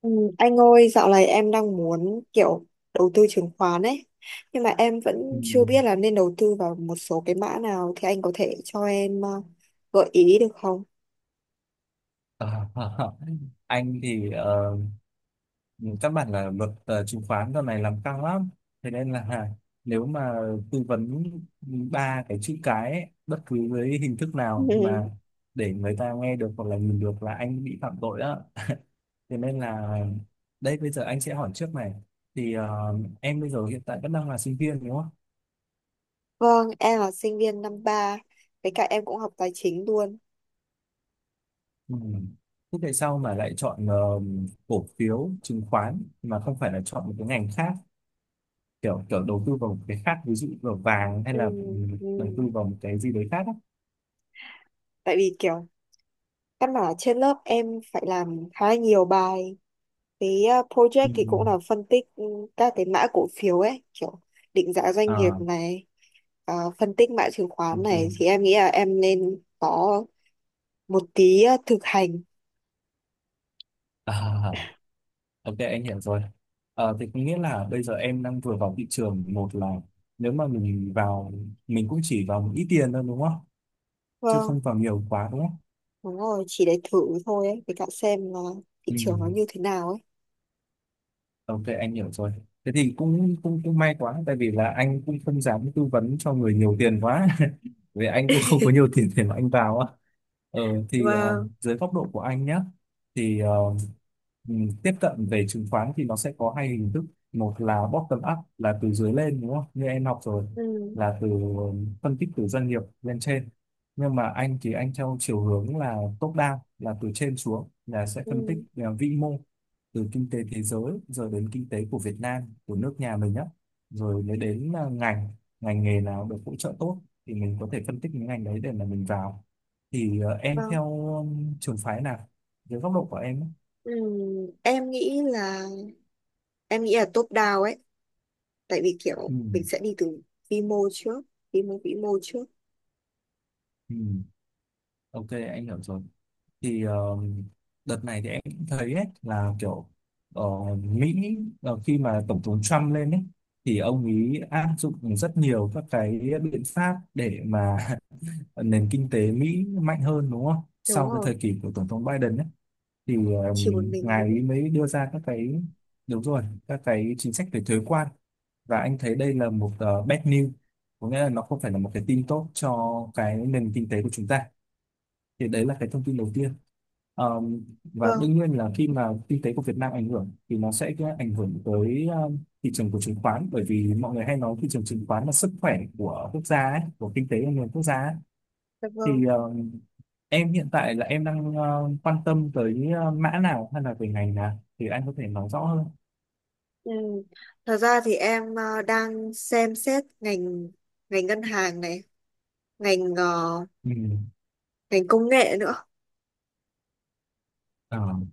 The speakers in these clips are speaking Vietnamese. Ừ, Anh ơi, dạo này em đang muốn kiểu đầu tư chứng khoán ấy, nhưng mà em Ừ. vẫn chưa biết là nên đầu tư vào một số cái mã nào thì anh có thể cho em gợi ý được không? Ờ, anh thì các bạn là luật chứng khoán giờ này làm căng lắm, thế nên là nếu mà tư vấn ba cái chữ cái ấy, bất cứ với hình thức nào Ừ. mà để người ta nghe được hoặc là nhìn được là anh bị phạm tội đó, thế nên là đây bây giờ anh sẽ hỏi trước này thì em bây giờ hiện tại vẫn đang là sinh viên đúng không? Vâng, em là sinh viên năm ba, với cả em cũng học tài chính luôn. Ừ. Thế tại sao mà lại chọn cổ phiếu chứng khoán mà không phải là chọn một cái ngành khác, kiểu kiểu đầu tư vào một cái khác ví dụ vào vàng hay Ừ, là ừ. đầu tư vào một cái gì đấy khác á? Tại vì kiểu căn bản là trên lớp em phải làm khá là nhiều bài cái project Ừ. thì cũng là phân tích các cái mã cổ phiếu ấy kiểu định giá doanh nghiệp À, này phân tích mã chứng khoán ok. này thì em nghĩ là em nên có một tí thực hành. À, ok, anh hiểu rồi. À, thì có nghĩa là bây giờ em đang vừa vào thị trường, một là nếu mà mình vào mình cũng chỉ vào một ít tiền thôi đúng không, chứ Vâng, không vào nhiều quá đúng không? đúng rồi, chỉ để thử thôi ấy, với cả xem là thị Ừ. trường nó như thế nào ấy. Ok, anh hiểu rồi. Thế thì cũng cũng cũng may quá, tại vì là anh cũng không dám tư vấn cho người nhiều tiền quá. Vì anh cũng không có nhiều tiền để mà anh vào á. Ờ thì Vâng. dưới góc độ của anh nhé, thì tiếp cận về chứng khoán thì nó sẽ có hai hình thức. Một là bottom up là từ dưới lên đúng không? Như em học rồi, Ừ. là từ phân tích từ doanh nghiệp lên trên. Nhưng mà anh thì anh theo chiều hướng là top down là từ trên xuống, là sẽ phân tích Ừ. Vĩ mô từ kinh tế thế giới rồi đến kinh tế của Việt Nam, của nước nhà mình á, rồi mới đến à, ngành ngành nghề nào được hỗ trợ tốt thì mình có thể phân tích những ngành đấy để mà mình vào. Thì em Vâng. theo trường phái nào dưới góc độ của em á? Ừ. em nghĩ là em nghĩ là top down ấy, tại vì kiểu mình Ừ, sẽ đi từ vi mô trước vi mô vĩ mô trước. ừ, ok anh hiểu rồi. Thì đợt này thì em cũng thấy ấy, là kiểu ờ, Mỹ, khi mà tổng thống Trump lên ấy thì ông ấy áp dụng rất nhiều các cái biện pháp để mà nền kinh tế Mỹ mạnh hơn đúng không? Đúng Sau cái rồi, thời kỳ của Tổng thống Biden ấy, thì chỉ một mình ngài nữa. ấy mới đưa ra các cái, đúng rồi, các cái chính sách về thuế quan, và anh thấy đây là một bad news, có nghĩa là nó không phải là một cái tin tốt cho cái nền kinh tế của chúng ta. Thì đấy là cái thông tin đầu tiên. Và Vâng. đương nhiên là khi mà kinh tế của Việt Nam ảnh hưởng thì nó sẽ có ảnh hưởng tới thị trường của chứng khoán, bởi vì mọi người hay nói thị trường chứng khoán là sức khỏe của quốc gia ấy, của kinh tế của nền quốc gia ấy. Dạ vâng. Thì em hiện tại là em đang quan tâm tới mã nào hay là về ngành nào thì anh có thể nói rõ hơn. Ừ. Thật ra thì em đang xem xét ngành ngành ngân hàng này, ngành Ừ. ngành công nghệ nữa. À,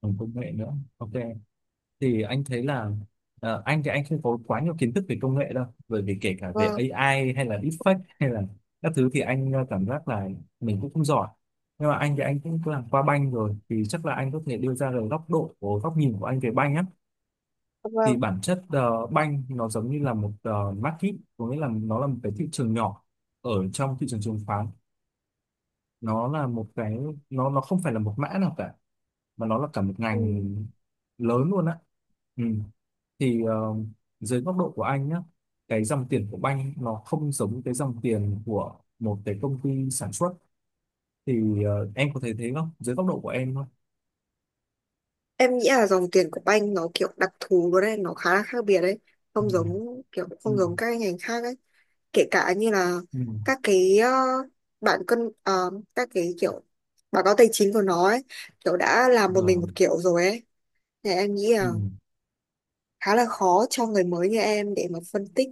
còn công nghệ nữa. Ok. Thì anh thấy là anh thì anh không có quá nhiều kiến thức về công nghệ đâu. Bởi vì kể cả về Vâng, AI hay là deepfake hay là các thứ thì anh cảm giác là mình cũng không giỏi. Nhưng mà anh thì anh cũng làm qua banh rồi thì chắc là anh có thể đưa ra được góc độ, của góc nhìn của anh về banh á. dạ Thì vâng. bản chất banh nó giống như là một market, có nghĩa là nó là một cái thị trường nhỏ ở trong thị trường chứng khoán. Nó là một cái, nó không phải là một mã nào cả, mà nó là cả một ngành Ừ. lớn luôn á. Ừ. Thì dưới góc độ của anh nhá, cái dòng tiền của banh nó không giống cái dòng tiền của một cái công ty sản xuất. Thì em có thể thấy thế không dưới góc độ của em thôi? Em nghĩ là dòng tiền của banh nó kiểu đặc thù luôn đấy, nó khá là khác biệt đấy, Ừ. Ừ. không giống các cái ngành khác ấy. Kể cả như là Ừ. các cái bạn cân các cái kiểu báo cáo tài chính của nó ấy, kiểu đã làm một mình Rồi. một kiểu rồi ấy. Thì em nghĩ Ừ. là khá là khó cho người mới như em để mà phân tích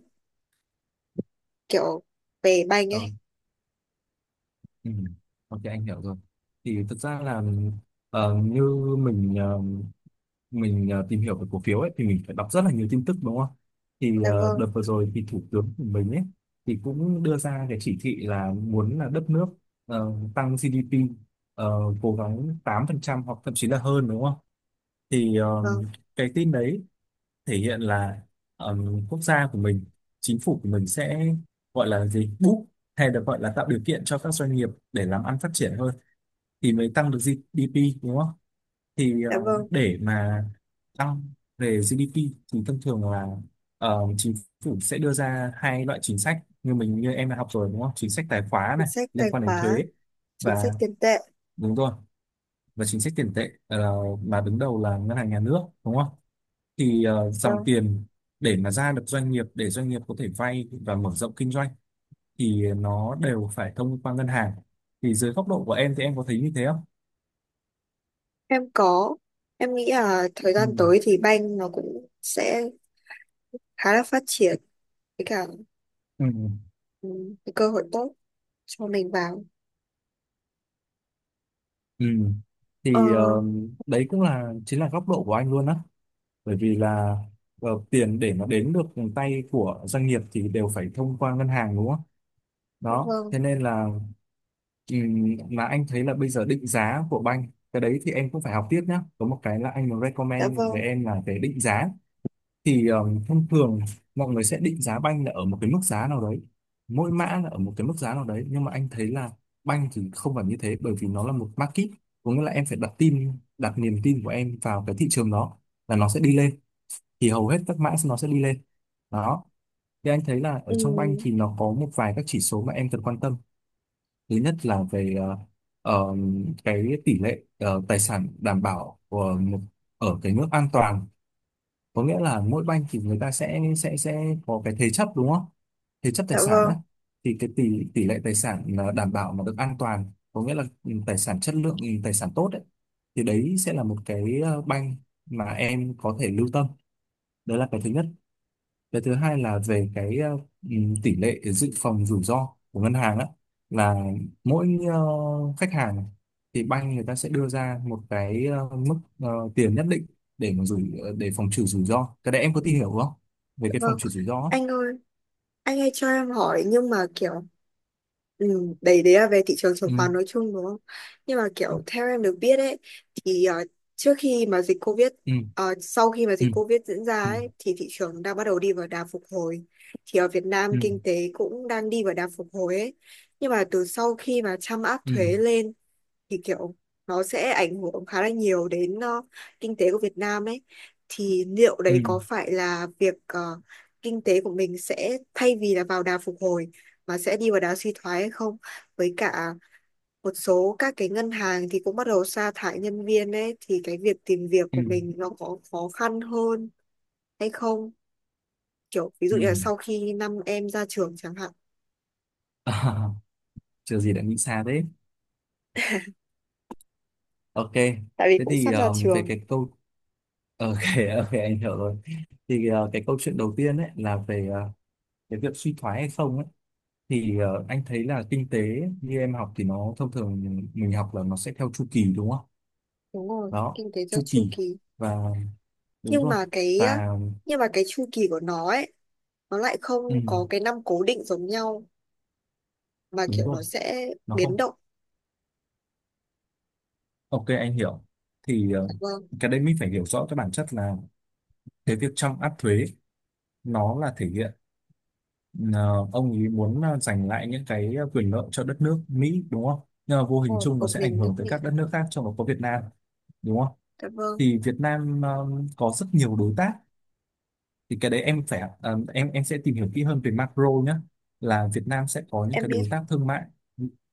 kiểu về banh Ờ. ấy. Ừ. Ok anh hiểu rồi. Thì thực ra là như mình ờ, mình tìm hiểu về cổ phiếu ấy thì mình phải đọc rất là nhiều tin tức đúng không? Thì Dạ vâng. đợt vừa rồi thì thủ tướng của mình ấy thì cũng đưa ra cái chỉ thị là muốn là đất nước tăng GDP, ờ, cố gắng 8% hoặc thậm chí là hơn đúng không? Thì Vâng. cái tin đấy thể hiện là ờ, quốc gia của mình, chính phủ của mình sẽ, gọi là gì? Boost, hay được gọi là tạo điều kiện cho các doanh nghiệp để làm ăn phát triển hơn thì mới tăng được GDP đúng không? Thì Dạ vâng. để mà tăng về GDP thì thông thường là chính phủ sẽ đưa ra hai loại chính sách, như mình như em đã học rồi đúng không? Chính sách tài khóa Chính này sách tài liên quan đến khóa, thuế, chính sách và tiền tệ. đúng rồi, và chính sách tiền tệ, mà đứng đầu là ngân hàng nhà nước đúng không? Thì dòng Vâng. tiền để mà ra được doanh nghiệp, để doanh nghiệp có thể vay và mở rộng kinh doanh thì nó đều phải thông qua ngân hàng. Thì dưới góc độ của em thì em có thấy như thế không? Em có, em nghĩ là thời Ừ. gian tới thì banh nó cũng sẽ khá là phát triển, với cả Ừ. ừ, cái cơ hội tốt cho mình vào. Ừ. Ờ, Thì đấy cũng là chính là góc độ của anh luôn á, bởi vì là tiền để mà đến được tay của doanh nghiệp thì đều phải thông qua ngân hàng đúng không? dạ Đó, vâng. thế nên là mà anh thấy là bây giờ định giá của banh, cái đấy thì em cũng phải học tiếp nhá. Có một cái là anh muốn Dạ recommend vâng. với em là về định giá, thì thông thường mọi người sẽ định giá banh là ở một cái mức giá nào đấy, mỗi mã là ở một cái mức giá nào đấy, nhưng mà anh thấy là banh thì không phải như thế, bởi vì nó là một market, có nghĩa là em phải đặt tin, đặt niềm tin của em vào cái thị trường đó là nó sẽ đi lên thì hầu hết các mã nó sẽ đi lên. Đó, thì anh thấy là ở ừ, trong banh thì nó có một vài các chỉ số mà em cần quan tâm. Thứ nhất là về ờ, cái tỷ lệ tài sản đảm bảo của một, ở cái mức an toàn, có nghĩa là mỗi banh thì người ta sẽ có cái thế chấp đúng không, thế chấp dạ tài sản đó. vâng. Thì cái tỷ tỷ lệ tài sản là đảm bảo mà được an toàn, có nghĩa là tài sản chất lượng, tài sản tốt đấy, thì đấy sẽ là một cái banh mà em có thể lưu tâm. Đấy là cái thứ nhất. Cái thứ hai là về cái tỷ lệ dự phòng rủi ro của ngân hàng á, là mỗi khách hàng thì bank người ta sẽ đưa ra một cái mức tiền nhất định để mà để phòng trừ rủi ro. Cái đấy em có tìm hiểu không? Về Dạ cái phòng vâng. trừ rủi ro á. Anh ơi, anh ơi cho em hỏi, nhưng mà kiểu Ừ, đấy đấy là về thị trường chứng Ừ. khoán nói chung đúng không? Nhưng mà kiểu theo em được biết ấy, thì trước khi mà dịch Covid, Ừ. Sau khi mà Ừ. dịch Covid diễn ra Ừ. ấy, thì thị trường đang bắt đầu đi vào đà phục hồi. Thì ở Việt Nam Ừ. kinh tế cũng đang đi vào đà phục hồi ấy. Nhưng mà từ sau khi mà Trump áp Ừ. thuế lên thì kiểu nó sẽ ảnh hưởng khá là nhiều đến kinh tế của Việt Nam ấy, thì liệu Ừ. đấy có phải là việc kinh tế của mình sẽ thay vì là vào đà phục hồi mà sẽ đi vào đà suy thoái hay không, với cả một số các cái ngân hàng thì cũng bắt đầu sa thải nhân viên ấy, thì cái việc tìm việc Ừ. của mình nó có khó khăn hơn hay không, kiểu ví dụ Ừ. như là sau khi năm em ra trường chẳng hạn, À, chưa gì đã nghĩ xa thế. Ok. tại vì Thế cũng thì sắp ra về trường. cái câu, ok, ok anh hiểu rồi. Thì cái câu chuyện đầu tiên ấy là về cái việc suy thoái hay không ấy, thì anh thấy là kinh tế như em học thì nó thông thường mình học là nó sẽ theo chu kỳ đúng không? Đúng rồi, Đó, kinh tế theo chu chu kỳ, kỳ, và đúng nhưng rồi, mà cái và nhưng mà cái chu kỳ của nó ấy, nó lại ừ, không có cái năm cố định giống nhau, mà đúng kiểu rồi, nó sẽ nó không, biến động. ok anh hiểu. Thì Dạ vâng. cái đấy mình phải hiểu rõ cái bản chất là cái việc trong áp thuế nó là thể hiện ờ, ông ấy muốn giành lại những cái quyền lợi cho đất nước Mỹ đúng không? Nhưng mà vô hình Ồ, chung nó một sẽ ảnh mình hưởng nước tới Mỹ. các đất nước khác trong đó có Việt Nam đúng không? Dạ vâng. Thì Việt Nam có rất nhiều đối tác. Thì cái đấy em phải em sẽ tìm hiểu kỹ hơn về macro nhé, là Việt Nam sẽ có những Em cái biết. đối tác thương mại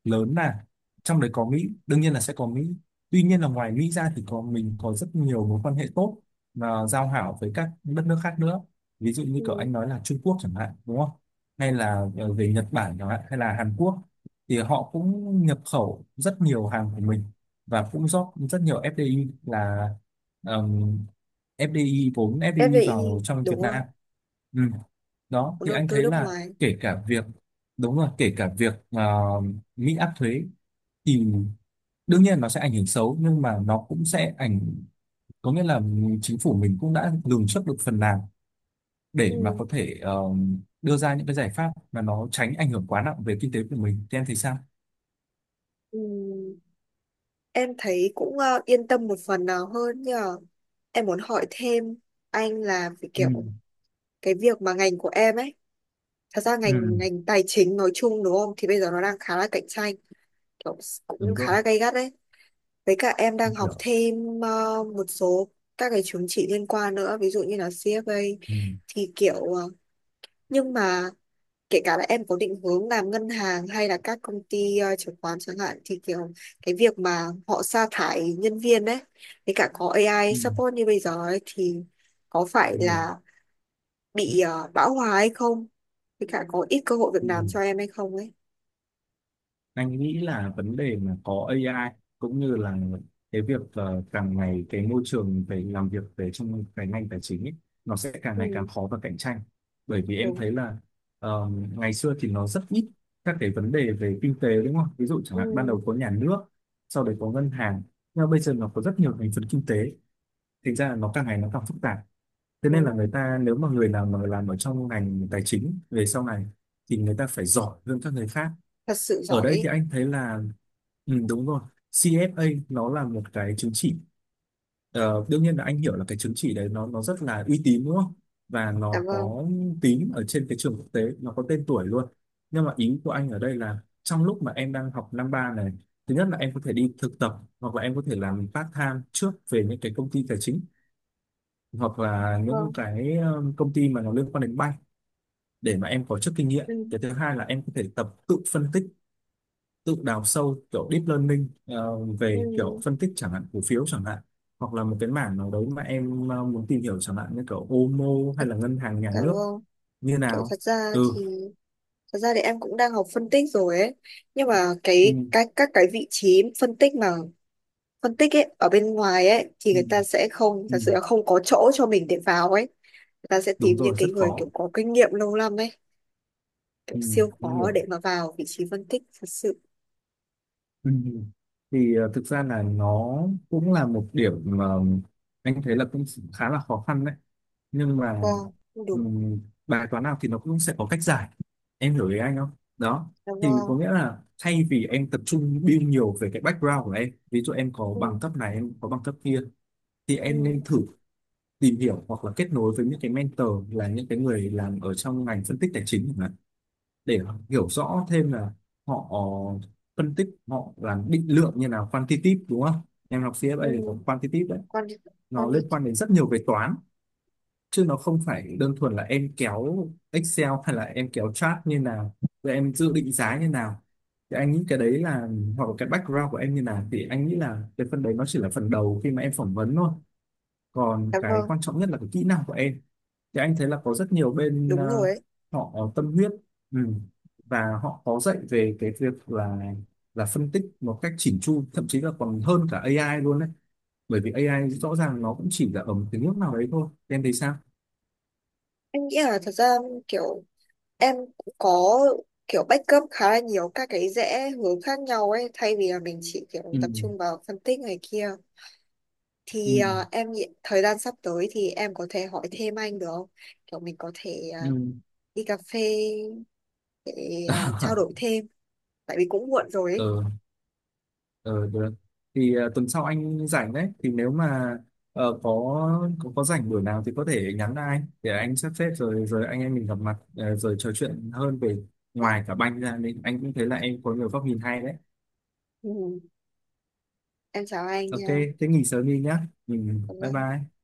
lớn, là trong đấy có Mỹ, đương nhiên là sẽ có Mỹ. Tuy nhiên là ngoài Mỹ ra thì có mình có rất nhiều mối quan hệ tốt và giao hảo với các đất nước khác nữa, ví dụ như kiểu Ừ. anh nói là Trung Quốc chẳng hạn, đúng không, hay là về Nhật Bản chẳng hạn hay là Hàn Quốc. Thì họ cũng nhập khẩu rất nhiều hàng của mình và cũng rót rất nhiều FDI, là FDI vốn FDI FDI vào trong Việt đúng không, Nam. Ừ. Đó vốn thì đầu anh tư thấy nước là ngoài. kể cả việc, đúng rồi, kể cả việc Mỹ áp thuế thì đương nhiên nó sẽ ảnh hưởng xấu, nhưng mà nó cũng sẽ ảnh có nghĩa là chính phủ mình cũng đã lường trước được phần nào để mà có Ừ. thể đưa ra những cái giải pháp mà nó tránh ảnh hưởng quá nặng về kinh tế của mình. Thì em thấy sao? Ừ. Em thấy cũng yên tâm một phần nào hơn, nhưng mà em muốn hỏi thêm anh là về Ừ. kiểu cái việc mà ngành của em ấy, thật ra ngành Ừ, ngành tài chính nói chung đúng không, thì bây giờ nó đang khá là cạnh tranh, kiểu cũng đúng rồi. khá là gay gắt đấy. Với cả em đang Anh học hiểu. thêm một số các cái chứng chỉ liên quan nữa, ví dụ như là CFA, Ừ. thì kiểu nhưng mà kể cả là em có định hướng làm ngân hàng hay là các công ty chứng khoán chẳng hạn, thì kiểu cái việc mà họ sa thải nhân viên đấy, với cả có AI Ừ, support như bây giờ ấy, thì có phải Em hiểu. là bị bão hòa hay không? Với cả có ít cơ hội việc Ừ. làm cho em hay không ấy. Anh nghĩ là vấn đề mà có AI cũng như là cái việc càng ngày cái môi trường về làm việc về trong cái ngành tài chính ấy, nó sẽ càng ngày Ừ, càng khó và cạnh tranh. Bởi vì em đúng. thấy là, ờ, ngày xưa thì nó rất ít các cái vấn đề về kinh tế, đúng không, ví dụ chẳng hạn ban Ừ, đầu có nhà nước, sau đấy có ngân hàng, nhưng mà bây giờ nó có rất nhiều thành phần kinh tế, thành ra là nó càng ngày nó càng phức tạp. Thế nên đúng là rồi. người ta, nếu mà người nào mà làm ở trong ngành tài chính về sau này, thì người ta phải giỏi hơn các người khác. Thật sự Ở giỏi đây ấy. thì anh thấy là, ừ, đúng rồi, CFA nó là một cái chứng chỉ. Ờ, đương nhiên là anh hiểu là cái chứng chỉ đấy nó rất là uy tín, đúng không? Và Dạ nó vâng. có tính ở trên cái trường quốc tế, nó có tên tuổi luôn. Nhưng mà ý của anh ở đây là trong lúc mà em đang học năm ba này, thứ nhất là em có thể đi thực tập hoặc là em có thể làm part time trước về những cái công ty tài chính hoặc là Vâng. những cái công ty mà nó liên quan đến bank, để mà em có chút kinh nghiệm. Ừ. Cái thứ hai là em có thể tập tự phân tích, tự đào sâu kiểu deep learning Ừ, về kiểu phân tích chẳng hạn cổ phiếu chẳng hạn, hoặc là một cái mảng nào đấy mà em muốn tìm hiểu, chẳng hạn như kiểu OMO thật. hay là ngân hàng nhà Dạ nước vâng. như kiểu nào. thật ra Ừ, thì Thật ra thì em cũng đang học phân tích rồi ấy, nhưng mà ừ, cái các cái vị trí phân tích mà phân tích ấy ở bên ngoài ấy thì ừ, người ta sẽ không ừ. thật sự là không có chỗ cho mình để vào ấy. Người ta sẽ Đúng tìm những rồi, cái rất người kiểu khó. có kinh nghiệm lâu năm ấy, kiểu Ừ, siêu em khó để hiểu. mà vào vị trí phân tích thật sự. Ừ. Ừ. Thì thực ra là nó cũng là một điểm mà anh thấy là cũng khá là khó khăn đấy, nhưng mà, Vâng. Đúng. ừm, bài toán nào thì nó cũng sẽ có cách giải, em hiểu ý anh không? Đó Dạ thì có vâng. nghĩa là thay vì em tập trung build nhiều về cái background của em, ví dụ em có bằng Ừ. cấp này em có bằng cấp kia, thì Ừ. em nên thử tìm hiểu hoặc là kết nối với những cái mentor là những cái người làm ở trong ngành phân tích tài chính chẳng hạn, để hiểu rõ thêm là họ phân tích, họ làm định lượng như nào, quantitative đúng không, em học CFA Ừ. thì có quantitative đấy, Con đi, nó con đi. liên quan đến rất nhiều về toán, chứ nó không phải đơn thuần là em kéo Excel hay là em kéo chart như nào rồi em dự định giá như nào. Thì anh nghĩ cái đấy là, hoặc là cái background của em như nào, thì anh nghĩ là cái phần đấy nó chỉ là phần đầu khi mà em phỏng vấn thôi, còn Dạ cái vâng, quan trọng nhất là cái kỹ năng của em. Thì anh thấy là có rất nhiều bên đúng rồi ấy. họ tâm huyết. Ừ. Và họ có dạy về cái việc là phân tích một cách chỉn chu, thậm chí là còn hơn cả AI luôn đấy, bởi vì AI rõ ràng nó cũng chỉ là ở một cái nước nào đấy thôi. Em thấy sao? Em nghĩ là thật ra kiểu Em cũng có kiểu backup khá là nhiều các cái rẽ hướng khác nhau ấy, thay vì là mình chỉ kiểu Ừ. tập trung vào phân tích này kia, Ừ. thì em nghĩ thời gian sắp tới thì em có thể hỏi thêm anh được không, kiểu mình có thể Ừ. đi cà phê để trao đổi thêm, tại vì cũng muộn rồi ấy. Ừ, ừ, được. Thì tuần sau anh rảnh đấy, thì nếu mà ờ, có, có rảnh buổi nào thì có thể nhắn lại anh để anh sắp xếp, rồi rồi anh em mình gặp mặt rồi trò chuyện hơn về ngoài cả banh ra, nên anh cũng thấy là em có nhiều góc nhìn hay đấy. Ừ. Em chào anh Ok, nha. thế nghỉ sớm đi nhá, ừ, Cảm bye ơn. bye.